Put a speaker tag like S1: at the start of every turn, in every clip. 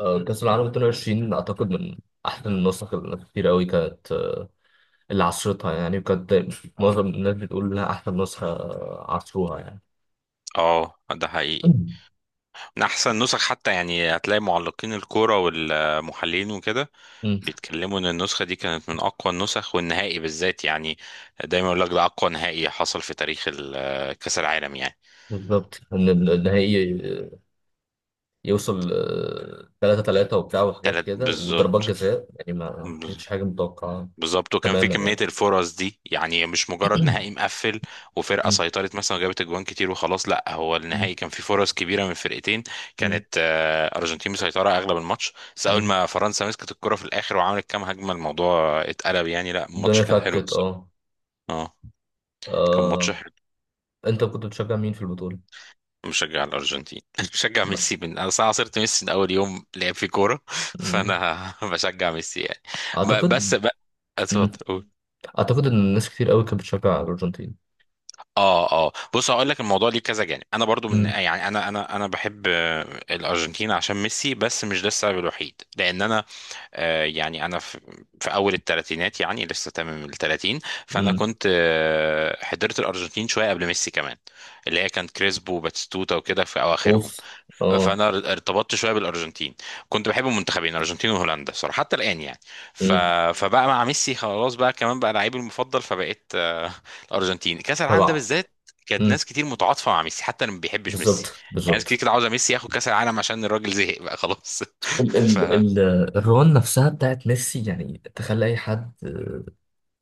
S1: كأس العالم 22 أعتقد من أحسن النسخ اللي كتير أوي كانت، اللي عصرتها يعني، وكانت
S2: اه.
S1: معظم الناس بتقول إنها أحسن نسخة، عصروها يعني.
S2: اه ده حقيقي. من احسن نسخ حتى، يعني هتلاقي معلقين الكوره والمحللين وكده
S1: أمم،
S2: بيتكلموا ان النسخه دي كانت من اقوى النسخ، والنهائي بالذات يعني دايما يقول لك ده اقوى نهائي حصل في تاريخ كاس العالم يعني.
S1: بالظبط إن النهائي آه، يوصل 3-3 وبتاع وحاجات
S2: تلات
S1: كده وضربات
S2: بالظبط،
S1: جزاء، يعني ما كانتش حاجة متوقعة
S2: بالظبط. وكان في
S1: تماما
S2: كمية
S1: يعني.
S2: الفرص دي، يعني مش مجرد نهائي مقفل وفرقة
S1: أمم،
S2: سيطرت مثلا وجابت اجوان كتير وخلاص، لا هو
S1: أمم،
S2: النهائي كان فيه فرص كبيرة من فرقتين.
S1: أمم،
S2: كانت أرجنتين مسيطرة أغلب الماتش، بس أول
S1: أمم.
S2: ما فرنسا مسكت الكرة في الآخر وعملت كام هجمة الموضوع اتقلب، يعني لا الماتش
S1: الدنيا
S2: كان حلو
S1: فكت.
S2: الصراحة.
S1: أه.
S2: اه كان ماتش
S1: آه،
S2: حلو.
S1: أنت كنت بتشجع مين في البطولة؟
S2: مشجع الأرجنتين مشجع
S1: لا.
S2: ميسي. من أنا صراحة صرت ميسي من أول يوم لعب في كورة،
S1: أمم،
S2: فأنا بشجع ميسي يعني. بس
S1: أعتقد
S2: بقى، اتفضل قول.
S1: اعتقد ان الناس كتير قوي كانت بتشجع الارجنتين.
S2: اه اه، بص هقول لك الموضوع ليه كذا جانب. انا برضو من،
S1: امم.
S2: يعني انا بحب الارجنتين عشان ميسي، بس مش ده السبب الوحيد، لان انا يعني انا في اول الثلاثينات يعني لسه تمام ال 30. فانا
S1: امم.
S2: كنت حضرت الارجنتين شويه قبل ميسي كمان، اللي هي كانت كريسبو وباتيستوتا وكده في اواخرهم.
S1: اوف. اه.
S2: فانا ارتبطت شويه بالارجنتين، كنت بحب المنتخبين الارجنتين وهولندا صراحه، حتى الان يعني. ف...
S1: امم.
S2: فبقى مع ميسي خلاص، بقى كمان بقى لعيبي المفضل، فبقيت الارجنتين كاس العالم ده
S1: طبعا.
S2: بالذات. كانت
S1: امم.
S2: ناس كتير متعاطفه مع ميسي حتى اللي ما بيحبش ميسي،
S1: بالظبط،
S2: يعني ناس كتير
S1: بالظبط.
S2: كده عاوزه ميسي ياخد كاس العالم عشان الراجل زهق بقى خلاص.
S1: ال
S2: ف
S1: ال ال الرون نفسها بتاعت ميسي، يعني تخلي اي حد،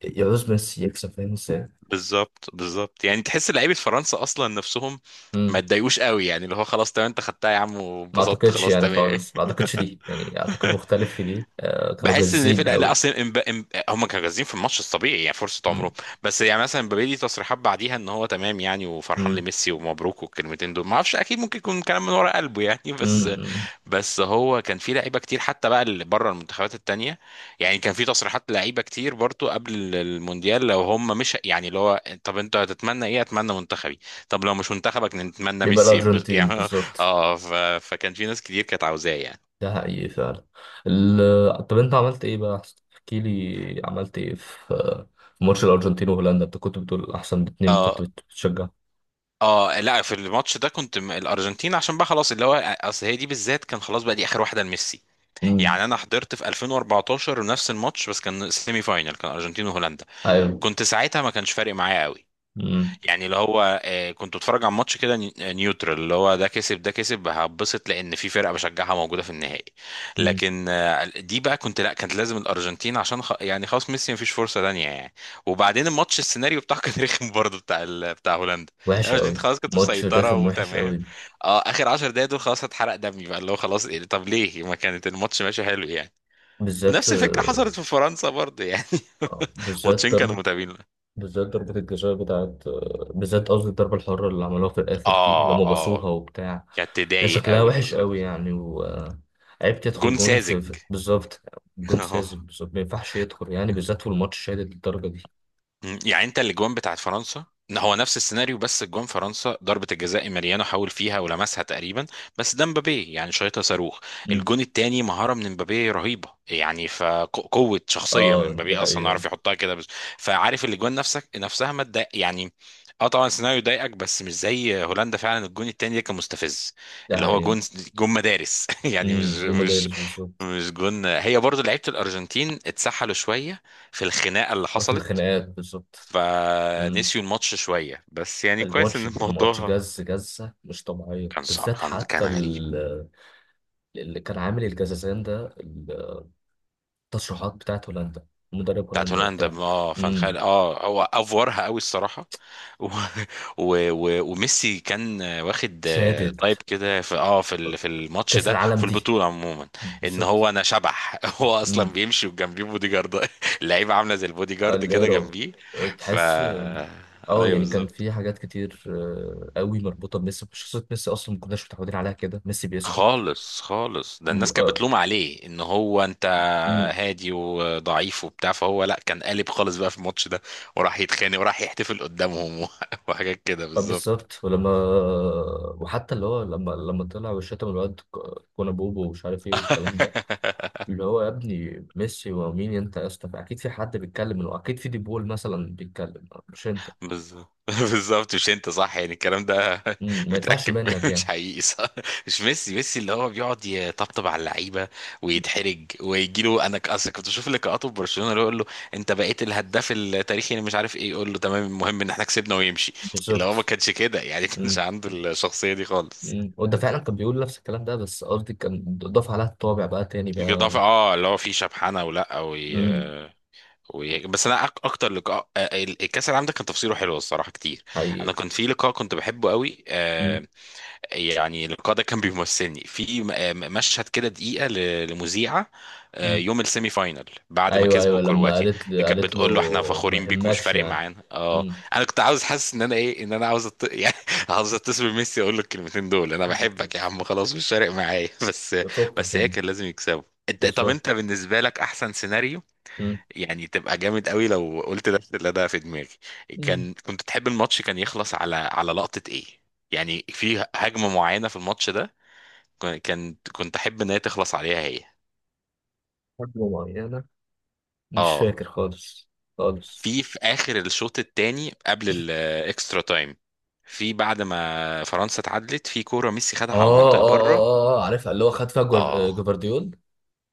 S1: يعوز ميسي يكسب، فاهم ازاي.
S2: بالظبط بالظبط، يعني تحس لعيبه فرنسا اصلا نفسهم ما
S1: امم.
S2: اتضايقوش قوي، يعني اللي هو خلاص تمام انت خدتها يا عم
S1: ما
S2: وبسطت
S1: اعتقدش
S2: خلاص
S1: يعني
S2: تمام.
S1: خالص، ما اعتقدش دي، يعني اعتقد مختلف في دي، كانوا
S2: بحس ان في،
S1: جازين
S2: لا
S1: قوي.
S2: اصلا هم كانوا جاهزين في الماتش الطبيعي يعني فرصه عمرهم.
S1: امم.
S2: بس يعني مثلا مبابي ليه تصريحات بعديها ان هو تمام يعني وفرحان
S1: امم.
S2: لميسي ومبروك والكلمتين دول، ما اعرفش اكيد، ممكن يكون كلام من ورا قلبه يعني
S1: امم.
S2: بس.
S1: أمم.
S2: بس هو كان في لعيبه كتير حتى بقى اللي بره المنتخبات التانيه، يعني كان في تصريحات لعيبه كتير برضو قبل المونديال، لو هم مش يعني اللي هو، طب انت هتتمنى ايه؟ اتمنى منتخبي. طب لو مش منتخبك نتمنى
S1: بيبقى
S2: ميسي،
S1: الارجنتين
S2: يعني
S1: بالظبط.
S2: اه، فكان في ناس كتير كانت عاوزاه يعني.
S1: ده حقيقي فعلا. طب انت عملت ايه بقى؟ احسن احكي لي، عملت ايه في في ماتش الارجنتين وهولندا؟ انت كنت بتقول احسن اتنين كنت
S2: اه
S1: بتشجع.
S2: اه، لا في الماتش ده كنت الارجنتين، عشان بقى خلاص اللي هو، اصل هي دي بالذات كان خلاص بقى دي اخر واحده لميسي.
S1: امم.
S2: يعني انا حضرت في 2014 نفس الماتش بس كان سيمي فاينل، كان ارجنتين وهولندا،
S1: ايوه.
S2: كنت ساعتها ما كانش فارق معايا قوي،
S1: امم.
S2: يعني اللي هو كنت بتفرج على ماتش كده نيوترال، اللي هو ده كسب ده كسب هبسط لان في فرقه بشجعها موجوده في النهائي.
S1: امم.
S2: لكن دي بقى كنت لا كانت لازم الارجنتين عشان يعني خلاص ميسي مفيش فرصه تانيه يعني. وبعدين الماتش السيناريو بتاعه كان رخم برضه بتاع هولندا.
S1: وحش
S2: الارجنتين
S1: قوي.
S2: خلاص كانت
S1: ماتش
S2: مسيطره
S1: رخم وحش
S2: وتمام،
S1: قوي.
S2: اه اخر 10 دقايق دول خلاص هتحرق دمي بقى، اللي هو خلاص طب ليه ما كانت الماتش ماشي حلو يعني.
S1: بالذات،
S2: ونفس الفكره حصلت في فرنسا برضه يعني
S1: بالذات
S2: ماتشين كانوا
S1: ضربة،
S2: متابعين.
S1: بالذات ضربة الجزاء بتاعت، بالذات قصدي الضربة الحرة اللي عملوها في الآخر دي
S2: اه
S1: لما
S2: اه،
S1: باصوها وبتاع.
S2: كانت
S1: يا
S2: تضايق
S1: شكلها
S2: قوي
S1: وحش قوي
S2: بالظبط.
S1: يعني، وعيب تدخل
S2: جون
S1: جون في
S2: ساذج.
S1: بالظبط. جون
S2: اهو.
S1: ساذج بالظبط، ما ينفعش يدخل يعني، بالذات في الماتش شادد للدرجة دي.
S2: مم. يعني انت الاجوان بتاعت فرنسا، إن هو نفس السيناريو، بس اجوان فرنسا ضربة الجزاء ماريانو حاول فيها ولمسها تقريبا، بس ده مبابي يعني شايطة صاروخ.
S1: مم.
S2: الجون التاني مهارة من مبابي رهيبة، يعني فقوة شخصية من
S1: اه دي
S2: مبابي اصلا
S1: حقيقة.
S2: عارف يحطها كده بس. فعارف الاجوان نفسها ما تضايق يعني، اه طبعا السيناريو ضايقك، بس مش زي هولندا فعلا، الجون التاني ده كان مستفز.
S1: دي
S2: اللي هو
S1: حقيقة.
S2: جون، جون مدارس يعني مش
S1: امم. جون
S2: مش
S1: مدارس بالظبط.
S2: مش جون. هي برضو لعيبة الارجنتين اتسحلوا شوية في الخناقة اللي
S1: في
S2: حصلت،
S1: الخناقات بالظبط. مم.
S2: فنسيوا الماتش شوية، بس يعني كويس
S1: الماتش
S2: ان
S1: الماتش
S2: الموضوع،
S1: جز جزة مش طبيعية،
S2: صعب
S1: بالذات
S2: كان كان
S1: حتى
S2: غريب.
S1: اللي كان عامل الجزازان ده، التشريحات بتاعت هولندا، مدرب
S2: بتاعت
S1: هولندا
S2: هولندا،
S1: وبتاع.
S2: اه فان
S1: امم.
S2: خال، اه هو افورها قوي الصراحة و... وميسي كان واخد
S1: شهادة
S2: تايب كده في في الماتش
S1: كأس
S2: ده
S1: العالم
S2: وفي
S1: دي
S2: البطولة عموما، ان
S1: بالظبط.
S2: هو انا شبح هو اصلا
S1: امم.
S2: بيمشي وجنبيه بودي جارد، اللعيبة عاملة زي البودي جارد كده
S1: الإيراد.
S2: جنبيه. ف
S1: تحس. اه،
S2: ايوه
S1: يعني كان
S2: بالظبط،
S1: في حاجات كتير، قوي مربوطة بميسي، شخصية ميسي أصلا ما كناش متعودين عليها كده، ميسي بيسكت.
S2: خالص خالص، ده الناس
S1: ب-
S2: كانت
S1: آه،
S2: بتلوم عليه ان هو انت
S1: امم.
S2: هادي وضعيف وبتاع، فهو لا كان قالب خالص بقى في الماتش ده، وراح يتخانق وراح يحتفل قدامهم، وحاجات كده بالظبط.
S1: بالظبط، ولما، وحتى اللي هو لما طلع وشتم الواد كونا بوبو ومش عارف ايه والكلام ده. اللي هو يا ابني ميسي ومين انت يا اسطى؟ اكيد في حد بيتكلم، اكيد في ديبول مثلا بيتكلم مش انت.
S2: بالظبط. بالظبط مش انت، صح يعني الكلام ده.
S1: مم. ما يطلعش
S2: متركب
S1: منك
S2: مش
S1: يعني.
S2: حقيقي صح. مش ميسي، ميسي اللي هو بيقعد يطبطب على اللعيبه ويتحرج ويجي له، انا اصل كنت بشوف لقاءاته في برشلونه اللي هو يقول له انت بقيت الهداف التاريخي اللي مش عارف ايه، يقول له تمام المهم ان احنا كسبنا ويمشي. اللي هو ما
S1: بالظبط.
S2: كانش كده يعني ما كانش
S1: مم.
S2: عنده الشخصيه دي خالص.
S1: مم. وده فعلا كان بيقول نفس الكلام ده، بس قصدي كان ضاف عليها الطابع بقى تاني
S2: الاضافه
S1: بقى.
S2: اه اللي هو فيه شبحانه ولا
S1: مم.
S2: بس انا اكتر لقاء الكاس العالم ده كان تفصيله حلو الصراحه كتير.
S1: حقيقي.
S2: انا كنت في لقاء كنت بحبه قوي.
S1: مم.
S2: يعني اللقاء ده كان بيمثلني في مشهد كده دقيقة لمذيعة
S1: مم.
S2: يوم السيمي فاينل، بعد ما
S1: ايوه
S2: كسبوا
S1: ايوه لما
S2: كرواتيا،
S1: قالت
S2: اللي
S1: لي،
S2: كانت
S1: قالت له
S2: بتقول له احنا
S1: ما
S2: فخورين بيكم مش
S1: يهمكش
S2: فارق
S1: يعني.
S2: معانا اه.
S1: مم.
S2: انا كنت عاوز، حاسس ان انا ايه، ان انا عاوز يعني عاوز اتصل بميسي اقول له الكلمتين دول، انا بحبك يا
S1: بالظبط.
S2: عم خلاص مش فارق معايا بس.
S1: فكك
S2: بس هي
S1: يعني.
S2: كان لازم يكسبوا. انت طب
S1: بالظبط.
S2: انت بالنسبة لك احسن سيناريو،
S1: مم.
S2: يعني تبقى جامد قوي لو قلت نفس اللي ده في دماغي.
S1: مم.
S2: كنت تحب الماتش كان يخلص على على لقطة ايه؟ يعني في هجمة معينة في الماتش ده، كان كنت احب ان هي تخلص عليها هي.
S1: حاجة معينة. مش
S2: اه،
S1: فاكر خالص. خالص.
S2: في في اخر الشوط الثاني قبل الاكسترا تايم، في بعد ما فرنسا اتعادلت، في كورة ميسي خدها على
S1: اه اه
S2: المنطقة
S1: اه
S2: بره.
S1: اه عارفها، اللي هو خد فيها
S2: اه
S1: جفارديول،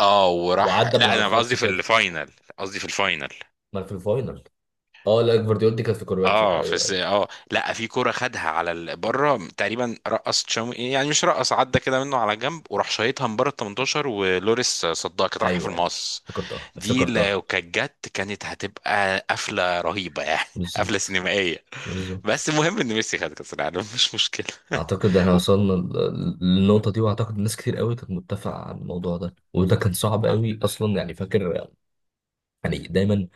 S2: اه، وراح
S1: وعدى من
S2: لا
S1: على
S2: انا
S1: الخط
S2: قصدي في
S1: كده.
S2: الفاينل، قصدي في الفاينل.
S1: ما في الفاينل. اه لا، جفارديول دي كانت في كرواتيا. ايوه أيوه.
S2: اه لا، في كرة خدها على بره تقريبا، رقص تشاومي يعني مش رقص، عدى كده منه على جنب وراح شايطها من بره ال 18، ولوريس صدها كانت رايحة في
S1: ايوه ايوه
S2: المقص.
S1: افتكرتها
S2: دي
S1: افتكرتها.
S2: لو كانت جت كانت هتبقى قفلة رهيبة يعني قفلة
S1: بالظبط.
S2: سينمائية. بس
S1: بالظبط.
S2: المهم ان ميسي خد كأس العالم مش مشكلة.
S1: اعتقد احنا
S2: و-
S1: وصلنا للنقطه دي، واعتقد ناس كتير قوي كانت متفقه على الموضوع ده، وده كان صعب
S2: آه،
S1: قوي اصلا يعني فاكر. يعني دايما،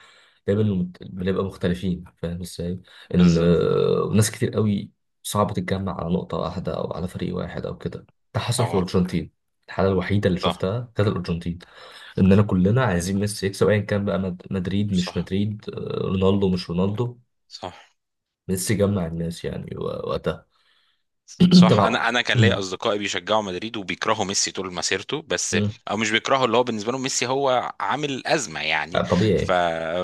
S1: دايما بنبقى مختلفين، فاهم ازاي. ان
S2: بالظبط
S1: ناس كتير قوي صعب تتجمع على نقطه واحده، او على فريق واحد او كده. ده حصل في
S2: اه.
S1: الارجنتين. الحاله الوحيده اللي
S2: صح
S1: شفتها كانت الارجنتين. اننا كلنا عايزين ميسي يكسب، ايا كان بقى مدريد مش
S2: صح
S1: مدريد، رونالدو مش رونالدو.
S2: صح
S1: ميسي جمع الناس يعني و- وقتها.
S2: صح انا،
S1: طبعا.
S2: انا كان ليا
S1: مم.
S2: اصدقائي بيشجعوا مدريد وبيكرهوا ميسي طول مسيرته، بس
S1: مم.
S2: او مش بيكرهوا، اللي هو بالنسبه لهم ميسي هو عامل ازمه يعني. ف...
S1: طبيعي.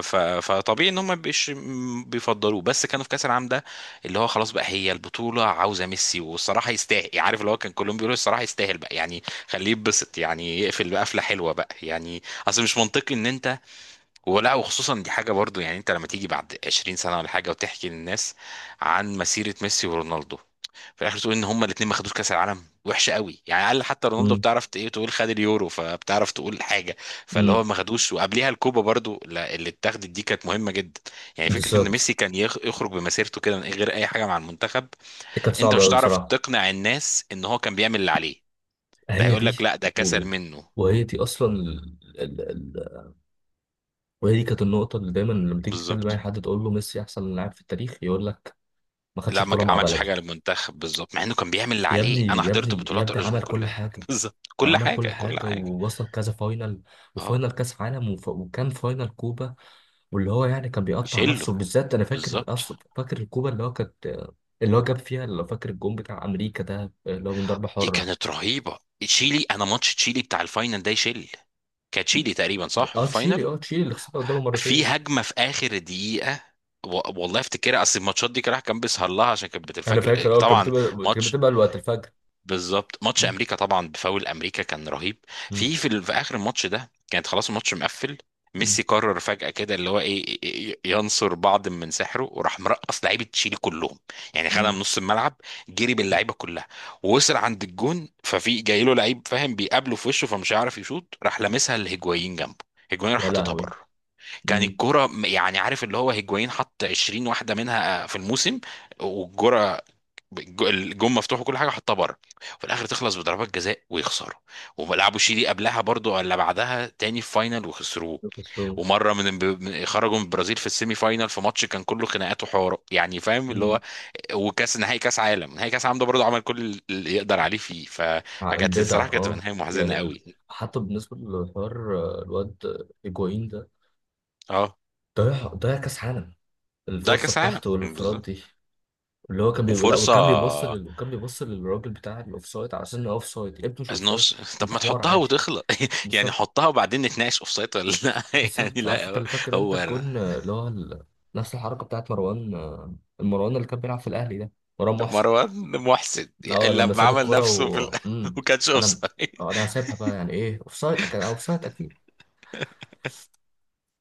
S2: فطبيعي ان هم ما بيش... م- بيفضلوه، بس كانوا في كاس العالم ده اللي هو خلاص بقى هي البطوله عاوزه ميسي، والصراحه يستاهل يعني، عارف اللي هو كان كلهم بيقولوا الصراحه يستاهل بقى يعني، خليه يتبسط يعني يقفل بقفله حلوه بقى يعني. اصل مش منطقي ان انت، ولا وخصوصا دي حاجه برضو، يعني انت لما تيجي بعد 20 سنه ولا حاجه وتحكي للناس عن مسيره ميسي ورونالدو، في الاخر تقول ان هما الاثنين ما خدوش كاس العالم، وحشه قوي يعني. اقل حتى رونالدو
S1: مم.
S2: بتعرف ايه تقول، خد اليورو فبتعرف تقول حاجه. فاللي هو
S1: مم.
S2: ما خدوش، وقبليها الكوبا برضو اللي اتاخدت دي كانت مهمه جدا. يعني فكره ان
S1: بالظبط.
S2: ميسي كان يخرج بمسيرته كده من غير اي حاجه مع المنتخب،
S1: دي كانت
S2: انت
S1: صعبة
S2: مش
S1: أوي
S2: هتعرف
S1: بصراحة.
S2: تقنع الناس ان هو كان بيعمل اللي عليه، ده
S1: هي
S2: هيقول
S1: دي.
S2: لك لا ده
S1: و...
S2: كسل منه.
S1: وهي دي أصلا وهي دي كانت النقطة اللي دايما لما تيجي تكلم أي
S2: بالظبط.
S1: حد، تقول له ميسي أحسن لاعب في التاريخ، يقول لك ما خدش
S2: لا ما
S1: بطولة مع
S2: عملش
S1: بلده.
S2: حاجه للمنتخب بالظبط، مع انه كان بيعمل اللي
S1: يا ابني
S2: عليه. انا
S1: يا
S2: حضرت
S1: ابني يا
S2: بطولات
S1: ابني
S2: الارجنتين
S1: عمل كل
S2: كلها
S1: حاجة.
S2: بالظبط، كل
S1: عمل كل
S2: حاجه كل
S1: حاجة
S2: حاجه
S1: ووصل كذا فاينل،
S2: اه
S1: وفاينل كأس عالم، وكان فاينل كوبا. واللي هو يعني كان بيقطع نفسه،
S2: يشيله،
S1: بالذات انا فاكر
S2: بالظبط.
S1: اصلا فاكر الكوره اللي هو كانت، اللي هو جاب فيها لو فاكر الجون بتاع امريكا ده، اللي هو من ضربه
S2: دي
S1: حره.
S2: كانت رهيبة تشيلي، انا ماتش تشيلي بتاع الفاينل ده يشيل، كانت تشيلي تقريبا
S1: ده
S2: صح في
S1: اه تشيلي،
S2: الفاينل.
S1: اه تشيلي اللي خسرنا قدامه
S2: في
S1: مرتين.
S2: هجمة في اخر دقيقة، والله افتكرها، اصل الماتشات دي كراح كان بيسهر لها عشان كانت
S1: انا
S2: بتنفجر
S1: فاكر اه كانت
S2: طبعا.
S1: بتبقى، كانت
S2: ماتش
S1: بتبقى الوقت الفجر.
S2: بالظبط، ماتش
S1: مم.
S2: امريكا طبعا بفاول امريكا كان رهيب.
S1: مم.
S2: في في اخر الماتش ده كانت خلاص الماتش مقفل،
S1: مم.
S2: ميسي قرر فجأة كده اللي هو ايه ينصر بعض من سحره وراح مرقص لعيبه تشيلي كلهم، يعني خدها من
S1: مم.
S2: نص الملعب، جري باللعيبه كلها، ووصل عند الجون، ففي جاي له لعيب فاهم بيقابله في وشه فمش هيعرف يشوط، راح لامسها لهيجوايين جنبه، هيجوايين راح
S1: يا
S2: حاططها
S1: لهوي.
S2: بره. كان
S1: مم.
S2: الكرة يعني عارف اللي هو هيجوايين حط 20 واحدة منها في الموسم. والكرة، الجون مفتوح وكل حاجه حطها بره، وفي الاخر تخلص بضربات جزاء ويخسروا. ولعبوا شيلي قبلها برضو ولا بعدها تاني في فاينل وخسروه.
S1: لوكاس رو.
S2: ومره خرجوا من البرازيل في السيمي فاينل في ماتش كان كله خناقات وحوارات يعني، فاهم اللي
S1: مم.
S2: هو. وكاس نهائي كاس عالم نهائي كاس عالم ده برضو عمل كل اللي يقدر عليه فيه.
S1: عقل
S2: فكانت
S1: بدع
S2: الصراحه كانت تبقى
S1: اه
S2: نهايه محزنه
S1: يعني
S2: قوي.
S1: حتى بالنسبه للحوار، الواد ايجوين ده
S2: اه
S1: ضيع ضيع كاس عالم،
S2: ده
S1: الفرصه
S2: كاس عالم
S1: بتاعته والانفراد
S2: بالظبط.
S1: دي. اللي هو كان بيقول لا
S2: وفرصه
S1: وكان بيبص وكان بيبص للراجل بتاع الاوف سايد. على سن اوف سايد يا ابني، مش اوف سايد.
S2: ازنوفس، طب
S1: انت
S2: ما
S1: حمار
S2: تحطها
S1: عادي.
S2: وتخلص يعني
S1: بالظبط.
S2: حطها وبعدين نتناقش اوف سايد ولا لا يعني
S1: بالظبط عارف انت
S2: لا.
S1: اللي فاكر انت
S2: هو
S1: الكون، اللي هو نفس الحركه بتاعت مروان، المروان اللي كان بيلعب في الاهلي ده. مروان محسن.
S2: مروان محسن
S1: اه لما
S2: لما
S1: ساب
S2: عمل
S1: الكوره
S2: نفسه في
S1: و
S2: وكانش اوف
S1: انا
S2: سايد.
S1: انا هسيبها بقى، يعني ايه اوف سايد، كان اوف سايد اكيد.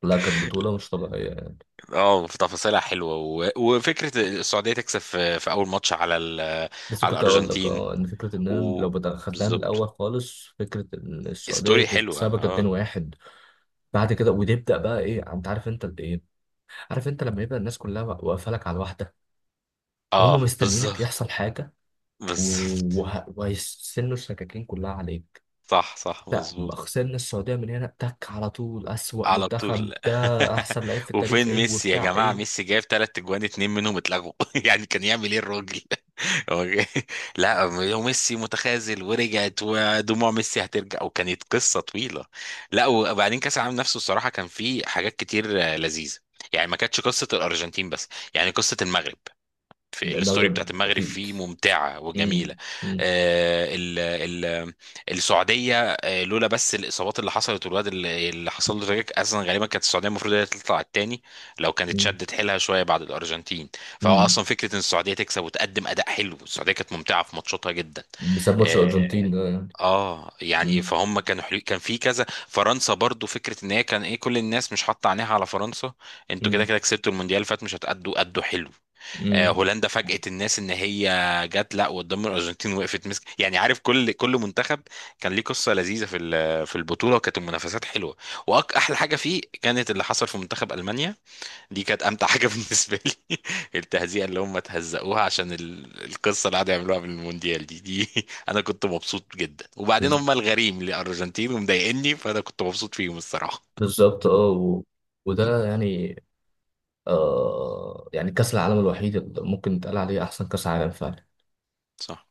S1: لا كانت بطوله مش طبيعيه يعني.
S2: اه، في تفاصيلها حلوه وفكره السعوديه تكسب في اول ماتش على
S1: بس
S2: على
S1: كنت اقول لك
S2: الارجنتين.
S1: اه ان فكره اننا
S2: و
S1: لو خدناها من
S2: بالظبط.
S1: الاول خالص، فكره ان السعوديه
S2: ستوري حلوه
S1: تكسبك
S2: اه.
S1: 2-1 بعد كده، وتبدا بقى ايه انت عارف انت قد ايه. عارف انت لما يبقى الناس كلها واقفه لك على الواحده، هم
S2: اه
S1: مستنيينك
S2: بالظبط،
S1: يحصل حاجه،
S2: بالظبط،
S1: وهيسنوا السكاكين كلها عليك.
S2: صح، صح
S1: لا
S2: مظبوط.
S1: خسرنا السعوديه من هنا تك على طول اسوأ
S2: على
S1: منتخب
S2: طول.
S1: ده. احسن لعيب في
S2: وفين
S1: التاريخ ايه
S2: ميسي يا
S1: وبتاع
S2: جماعه؟
S1: ايه.
S2: ميسي جايب ثلاث اجوان اتنين منهم اتلغوا يعني كان يعمل ايه الراجل؟ أوكي. لا وميسي متخاذل، ورجعت ودموع ميسي هترجع، وكانت قصة طويلة. لا وبعدين كأس العالم نفسه الصراحة كان فيه حاجات كتير لذيذة، يعني ما كانتش قصة الأرجنتين بس، يعني قصة المغرب، في الستوري بتاعت
S1: المغرب
S2: المغرب
S1: اكيد.
S2: فيه ممتعة
S1: امم.
S2: وجميلة.
S1: امم.
S2: آه، ال ال السعودية، لولا بس الإصابات اللي حصلت والواد اللي حصل له تراجيك، أصلا غالبا كانت السعودية المفروض هي تطلع التاني لو كانت
S1: امم.
S2: شدت حيلها شوية بعد الأرجنتين. فهو أصلا
S1: امم.
S2: فكرة إن السعودية تكسب وتقدم أداء حلو، السعودية كانت ممتعة في ماتشاتها جدا.
S1: بسبب ماتش الارجنتين
S2: آه،
S1: ده يعني.
S2: اه يعني
S1: امم.
S2: فهم كانوا حلو، كان في كذا. فرنسا برضو فكره ان هي كان ايه، كل الناس مش حاطه عينيها على فرنسا، انتوا كده
S1: امم.
S2: كده كسبتوا المونديال اللي فات مش هتأدوا، أدوا حلو.
S1: امم.
S2: هولندا فاجأت الناس ان هي جت لا وقدام الارجنتين وقفت مسك، يعني عارف كل منتخب كان ليه قصه لذيذه في في البطوله، وكانت المنافسات حلوه. واحلى حاجه فيه كانت اللي حصل في منتخب المانيا، دي كانت امتع حاجه بالنسبه لي. التهزيئه اللي هم تهزقوها عشان القصه اللي قعدوا يعملوها بالمونديال دي انا كنت مبسوط جدا، وبعدين هم الغريم للارجنتين ومضايقني فانا كنت مبسوط فيهم الصراحه.
S1: بالظبط. اه وده يعني. آه يعني كأس العالم الوحيد اللي ممكن يتقال عليه أحسن كأس عالم فعلا.
S2: صح